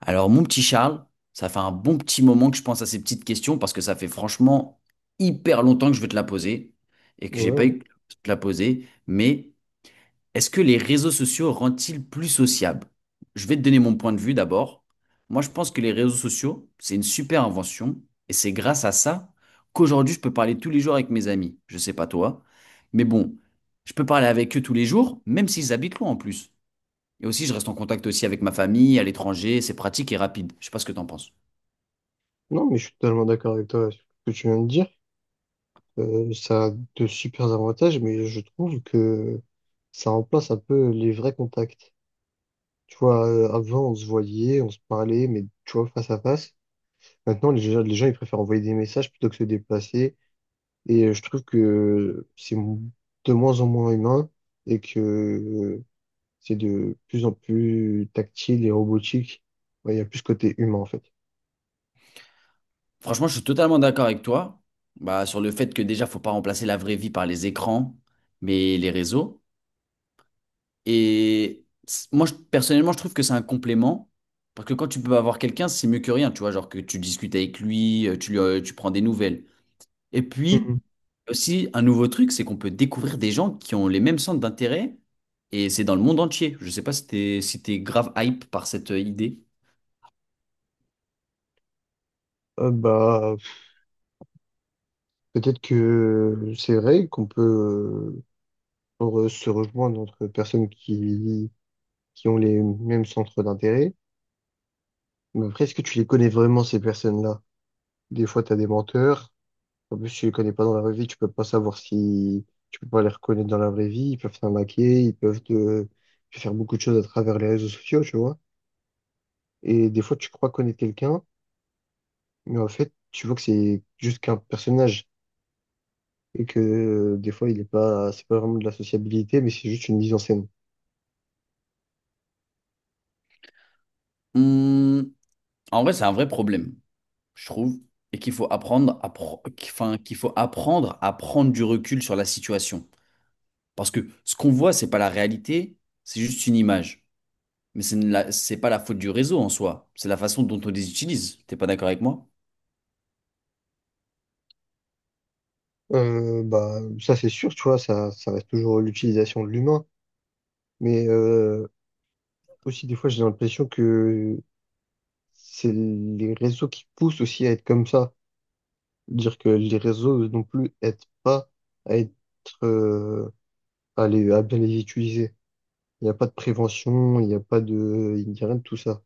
Alors, mon petit Charles, ça fait un bon petit moment que je pense à ces petites questions parce que ça fait franchement hyper longtemps que je veux te la poser et Ouais, que j'ai pas ouais. eu de te la poser. Mais est-ce que les réseaux sociaux rendent-ils plus sociables? Je vais te donner mon point de vue d'abord. Moi, je pense que les réseaux sociaux, c'est une super invention et c'est grâce à ça qu'aujourd'hui, je peux parler tous les jours avec mes amis. Je sais pas toi, mais bon, je peux parler avec eux tous les jours, même s'ils habitent loin en plus. Et aussi, je reste en contact aussi avec ma famille à l'étranger. C'est pratique et rapide. Je sais pas ce que t'en penses. Non, mais je suis totalement d'accord avec toi sur ce que tu viens de dire. Ça a de super avantages, mais je trouve que ça remplace un peu les vrais contacts. Tu vois, avant, on se voyait, on se parlait, mais tu vois, face à face. Maintenant, les gens, ils préfèrent envoyer des messages plutôt que se déplacer. Et je trouve que de moins en moins humain et que c'est de plus en plus tactile et robotique. Ouais, il y a plus ce côté humain, en fait. Franchement, je suis totalement d'accord avec toi. Bah, sur le fait que déjà, faut pas remplacer la vraie vie par les écrans, mais les réseaux. Moi, personnellement, je trouve que c'est un complément. Parce que quand tu peux avoir quelqu'un, c'est mieux que rien. Tu vois, genre que tu discutes avec lui, tu, lui, tu prends des nouvelles. Et puis, Mhm. aussi, un nouveau truc, c'est qu'on peut découvrir des gens qui ont les mêmes centres d'intérêt. Et c'est dans le monde entier. Je sais pas si t'es grave hype par cette idée. Euh, bah, Peut-être que c'est vrai qu'on peut se rejoindre entre qui ont les mêmes centres d'intérêt. Mais après, est-ce que tu les connais vraiment, ces personnes-là? Des fois, tu as des menteurs. En plus, tu les connais pas dans la vraie vie, tu peux pas les reconnaître dans la vraie vie. Ils peuvent t'arnaquer, te faire beaucoup de choses à travers les réseaux sociaux, tu vois. Et des fois, tu crois connaître quelqu'un, mais en fait, tu vois que c'est juste qu'un personnage. Et que des fois, il est pas, c'est pas vraiment de la sociabilité, mais c'est juste une mise en scène. Hmm, en vrai, c'est un vrai problème, je trouve, et qu'il faut apprendre à pro- qu'- enfin, qu'il faut apprendre à prendre du recul sur la situation. Parce que ce qu'on voit, c'est pas la réalité, c'est juste une image. Mais c'est pas la faute du réseau en soi, c'est la façon dont on les utilise. T'es pas d'accord avec moi? Ça c'est sûr, tu vois, ça reste toujours l'utilisation de l'humain. Mais aussi, des fois, j'ai l'impression que c'est les réseaux qui poussent aussi à être comme ça. Dire que les réseaux non plus aident pas à être, euh, à bien les utiliser. Il n'y a pas de prévention, il n'y a rien de tout ça.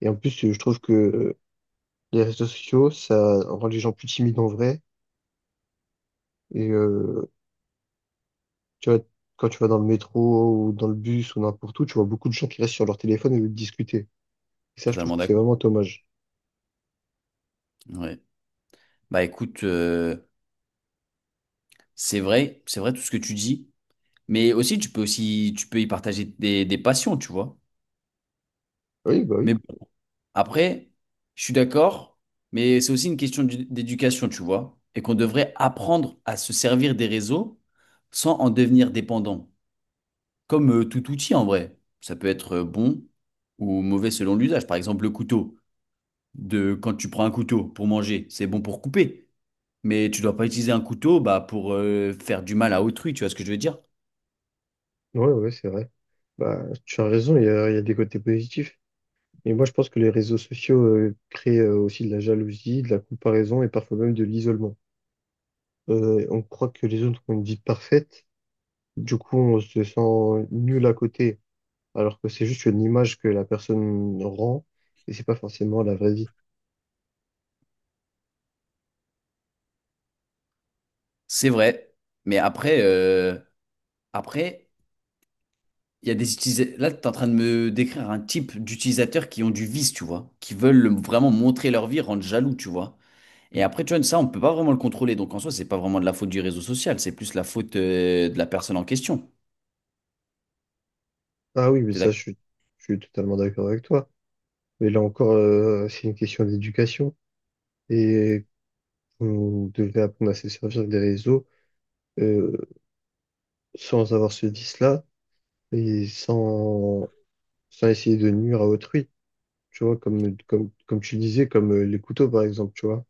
Et en plus, je trouve que les réseaux sociaux, ça rend les gens plus timides en vrai. Et tu vois, quand tu vas dans le métro ou dans le bus ou n'importe où, tu vois beaucoup de gens qui restent sur leur téléphone au lieu de discuter. Et ça, je trouve Totalement que c'est d'accord. vraiment dommage. Ouais. Bah écoute, c'est vrai tout ce que tu dis, mais aussi tu peux y partager des passions, tu vois. Oui, bah oui. Mais bon, après, je suis d'accord, mais c'est aussi une question d'éducation, tu vois, et qu'on devrait apprendre à se servir des réseaux sans en devenir dépendant, comme tout outil en vrai. Ça peut être bon ou mauvais selon l'usage. Par exemple, le couteau, de quand tu prends un couteau pour manger, c'est bon pour couper, mais tu dois pas utiliser un couteau bah, pour faire du mal à autrui, tu vois ce que je veux dire? Ouais, ouais, c'est vrai. Bah, tu as raison, il y a des côtés positifs. Mais moi, je pense que les réseaux sociaux créent aussi de la jalousie, de la comparaison et parfois même de l'isolement. On croit que les autres ont une vie parfaite. Du coup, on se sent nul à côté, alors que c'est juste une image que la personne rend et c'est pas forcément la vraie vie. C'est vrai, mais après, après. Il y a des utilisateurs. Là, tu es en train de me décrire un type d'utilisateurs qui ont du vice, tu vois, qui veulent vraiment montrer leur vie, rendre jaloux, tu vois. Et après, tu vois, ça, on peut pas vraiment le contrôler. Donc en soi, c'est pas vraiment de la faute du réseau social, c'est plus la faute de la personne en question. Ah oui, mais T'es ça, d'accord? Je suis totalement d'accord avec toi. Mais là encore, c'est une question d'éducation et on devrait apprendre à se servir des réseaux euh, sans avoir ce vice-là et sans essayer de nuire à autrui. Tu vois, comme tu disais, comme les couteaux par exemple, tu vois.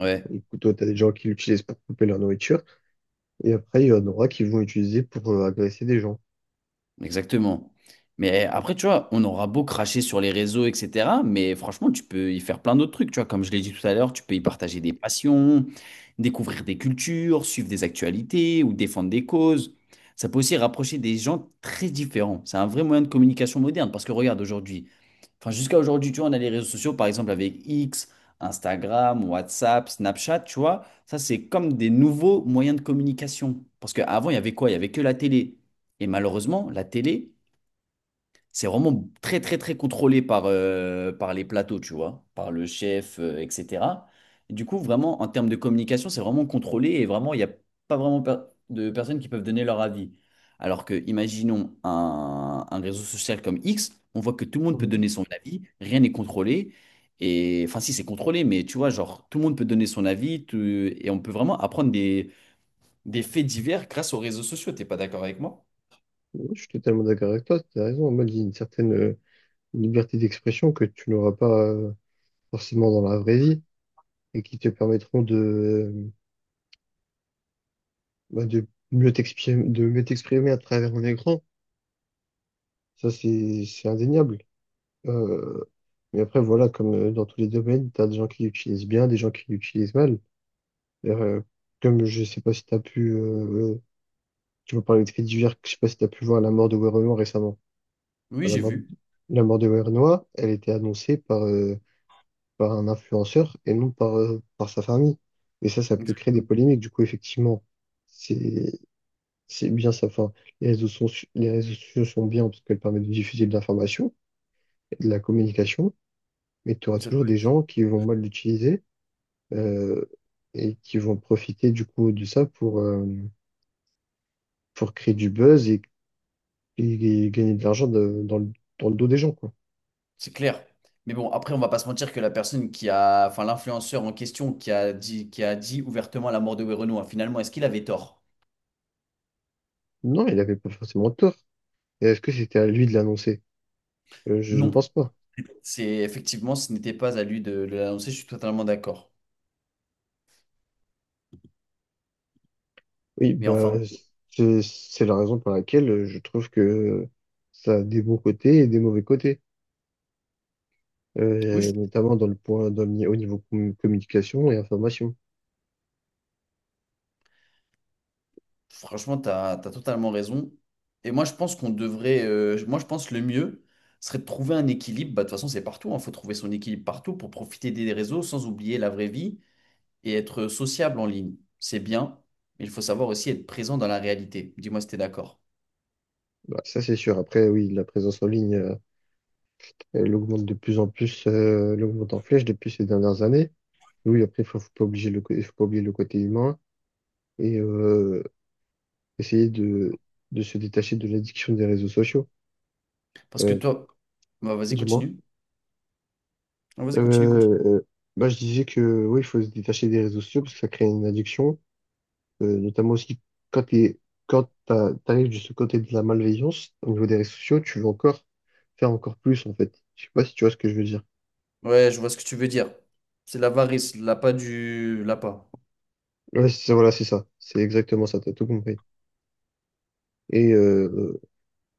Ouais. Les couteaux, t'as des gens qui l'utilisent pour couper leur nourriture et après, il y en aura qui vont l'utiliser pour agresser des gens. Exactement. Mais eh, après, tu vois, on aura beau cracher sur les réseaux, etc. Mais franchement, tu peux y faire plein d'autres trucs. Tu vois, comme je l'ai dit tout à l'heure, tu peux y partager des passions, découvrir des cultures, suivre des actualités ou défendre des causes. Ça peut aussi rapprocher des gens très différents. C'est un vrai moyen de communication moderne. Parce que regarde, aujourd'hui, enfin jusqu'à aujourd'hui, tu vois, on a les réseaux sociaux, par exemple, avec X, Instagram, WhatsApp, Snapchat, tu vois. Ça, c'est comme des nouveaux moyens de communication. Parce qu'avant, il y avait quoi? Il y avait que la télé. Et malheureusement, la télé, c'est vraiment très, très, très contrôlé par, par les plateaux, tu vois, par le chef, etc. Et du coup, vraiment, en termes de communication, c'est vraiment contrôlé et vraiment, il n'y a pas vraiment de personnes qui peuvent donner leur avis. Alors que, imaginons un réseau social comme X, on voit que tout le monde peut Mhm. donner son avis, rien n'est contrôlé. Et enfin, si c'est contrôlé, mais tu vois, genre, tout le monde peut donner son avis et on peut vraiment apprendre des faits divers grâce aux réseaux sociaux. T'es pas d'accord avec moi? Ouais, je suis totalement d'accord avec toi, t'as raison. En mode, il y a une certaine liberté d'expression que tu n'auras pas forcément dans la vraie vie et qui te permettront bah, de mieux t'exprimer à travers un écran. Ça, c'est indéniable. Euh, mais après, voilà, comme dans tous les domaines, tu as des gens qui l'utilisent bien, des gens qui l'utilisent mal. Euh, comme je sais pas si tu as pu, tu vas parler de faits divers, je sais pas si tu as pu voir la mort de Werenoi récemment. Oui, Enfin, j'ai vu. la mort de Werenoi, elle était annoncée par, par un influenceur et non par, par sa famille. Et ça peut créer des polémiques. Du coup, effectivement, c'est c'est bien ça. Enfin, les réseaux sont, les réseaux sociaux sont bien parce qu'elles permettent de diffuser de l'information et de la communication, mais tu auras Ça toujours peut- des gens qui vont mal l'utiliser euh, et qui vont profiter du coup de ça pour créer du buzz et gagner de l'argent dans le dos des gens, quoi. C'est clair. Mais bon, après, on va pas se mentir que la personne qui a, enfin, l'influenceur en question qui a dit ouvertement la mort de Werenoi, finalement, est-ce qu'il avait tort? Non, il n'avait pas forcément tort. Et est-ce que c'était à lui de l'annoncer? Je ne Non. pense pas. C'est effectivement, ce n'était pas à lui de l'annoncer, je suis totalement d'accord. Oui, Mais bah, enfin, c'est la raison pour laquelle je trouve que ça a des bons côtés et des mauvais côtés. oui, Notamment dans le au niveau communication et information. franchement, tu as, totalement raison. Et moi, je pense qu'on devrait, moi, je pense que le mieux serait de trouver un équilibre. Bah, de toute façon, c'est partout, il faut trouver son équilibre partout pour profiter des réseaux sans oublier la vraie vie et être sociable en ligne, c'est bien, mais il faut savoir aussi être présent dans la réalité. Dis-moi si t'es d'accord. Bah, ça, c'est sûr. Après, oui, la présence en ligne, elle augmente de plus en plus, elle augmente en flèche depuis ces dernières années. Oui, après, faut pas oublier le côté humain et essayer de se détacher de l'addiction des réseaux sociaux, Parce que euh, toi, bah, vas-y, du moins. continue. Ah, Euh, vas-y, continue. euh, bah, je disais que oui, il faut se détacher des réseaux sociaux parce que ça crée une addiction. Notamment aussi quand t'es, t'arrives de ce côté de la malveillance au niveau des réseaux sociaux, tu veux encore faire encore plus en fait. Je sais pas si tu vois ce que je veux dire. Ouais, je vois ce que tu veux dire. C'est l'avarice, l'appât du... L'appât. Ouais, c'est ça, voilà, c'est ça. C'est exactement ça, t'as tout compris. Et euh,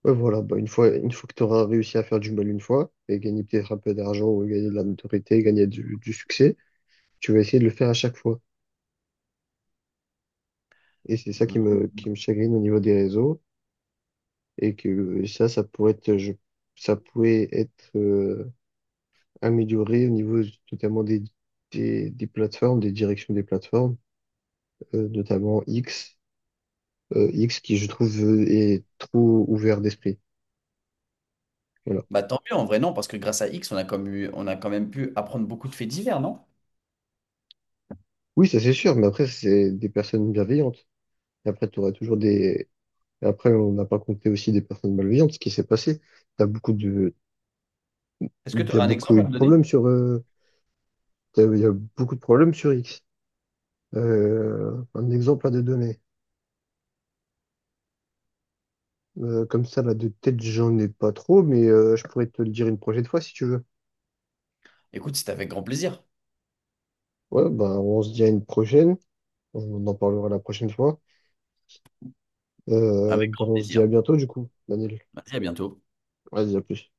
euh, ouais, voilà, bah, une fois que tu auras réussi à faire du mal une fois, et gagner peut-être un peu d'argent, ou gagner de la notoriété, gagner du succès, tu vas essayer de le faire à chaque fois. Et c'est ça Mhm. Qui me chagrine au niveau des réseaux, et que ça, ça pourrait être amélioré au niveau notamment des plateformes, des directions des plateformes, notamment X, X qui je trouve est trop ouvert d'esprit. Voilà. Bah tant mieux, en vrai, non, parce que grâce à X, on a on a quand même pu apprendre beaucoup de faits divers, non? Oui, ça c'est sûr, mais après c'est des personnes bienveillantes. Et après tu auras toujours des. Et après on n'a pas compté aussi des personnes malveillantes, ce qui s'est passé. T'as beaucoup de, Est-ce que tu t'as aurais un beaucoup exemple eu à de me donner? problèmes sur. Il y a beaucoup de problèmes sur X. Un exemple à te donner. Comme ça, là, de tête, j'en ai pas trop, mais je pourrais te le dire une prochaine fois si tu veux. Écoute, c'était avec grand plaisir. Ouais, bah, on se dit à une prochaine. On en parlera la prochaine fois. Avec Bah, grand on se dit plaisir. à bientôt, du coup, Daniel. Vas-y, à bientôt. Vas-y, à plus.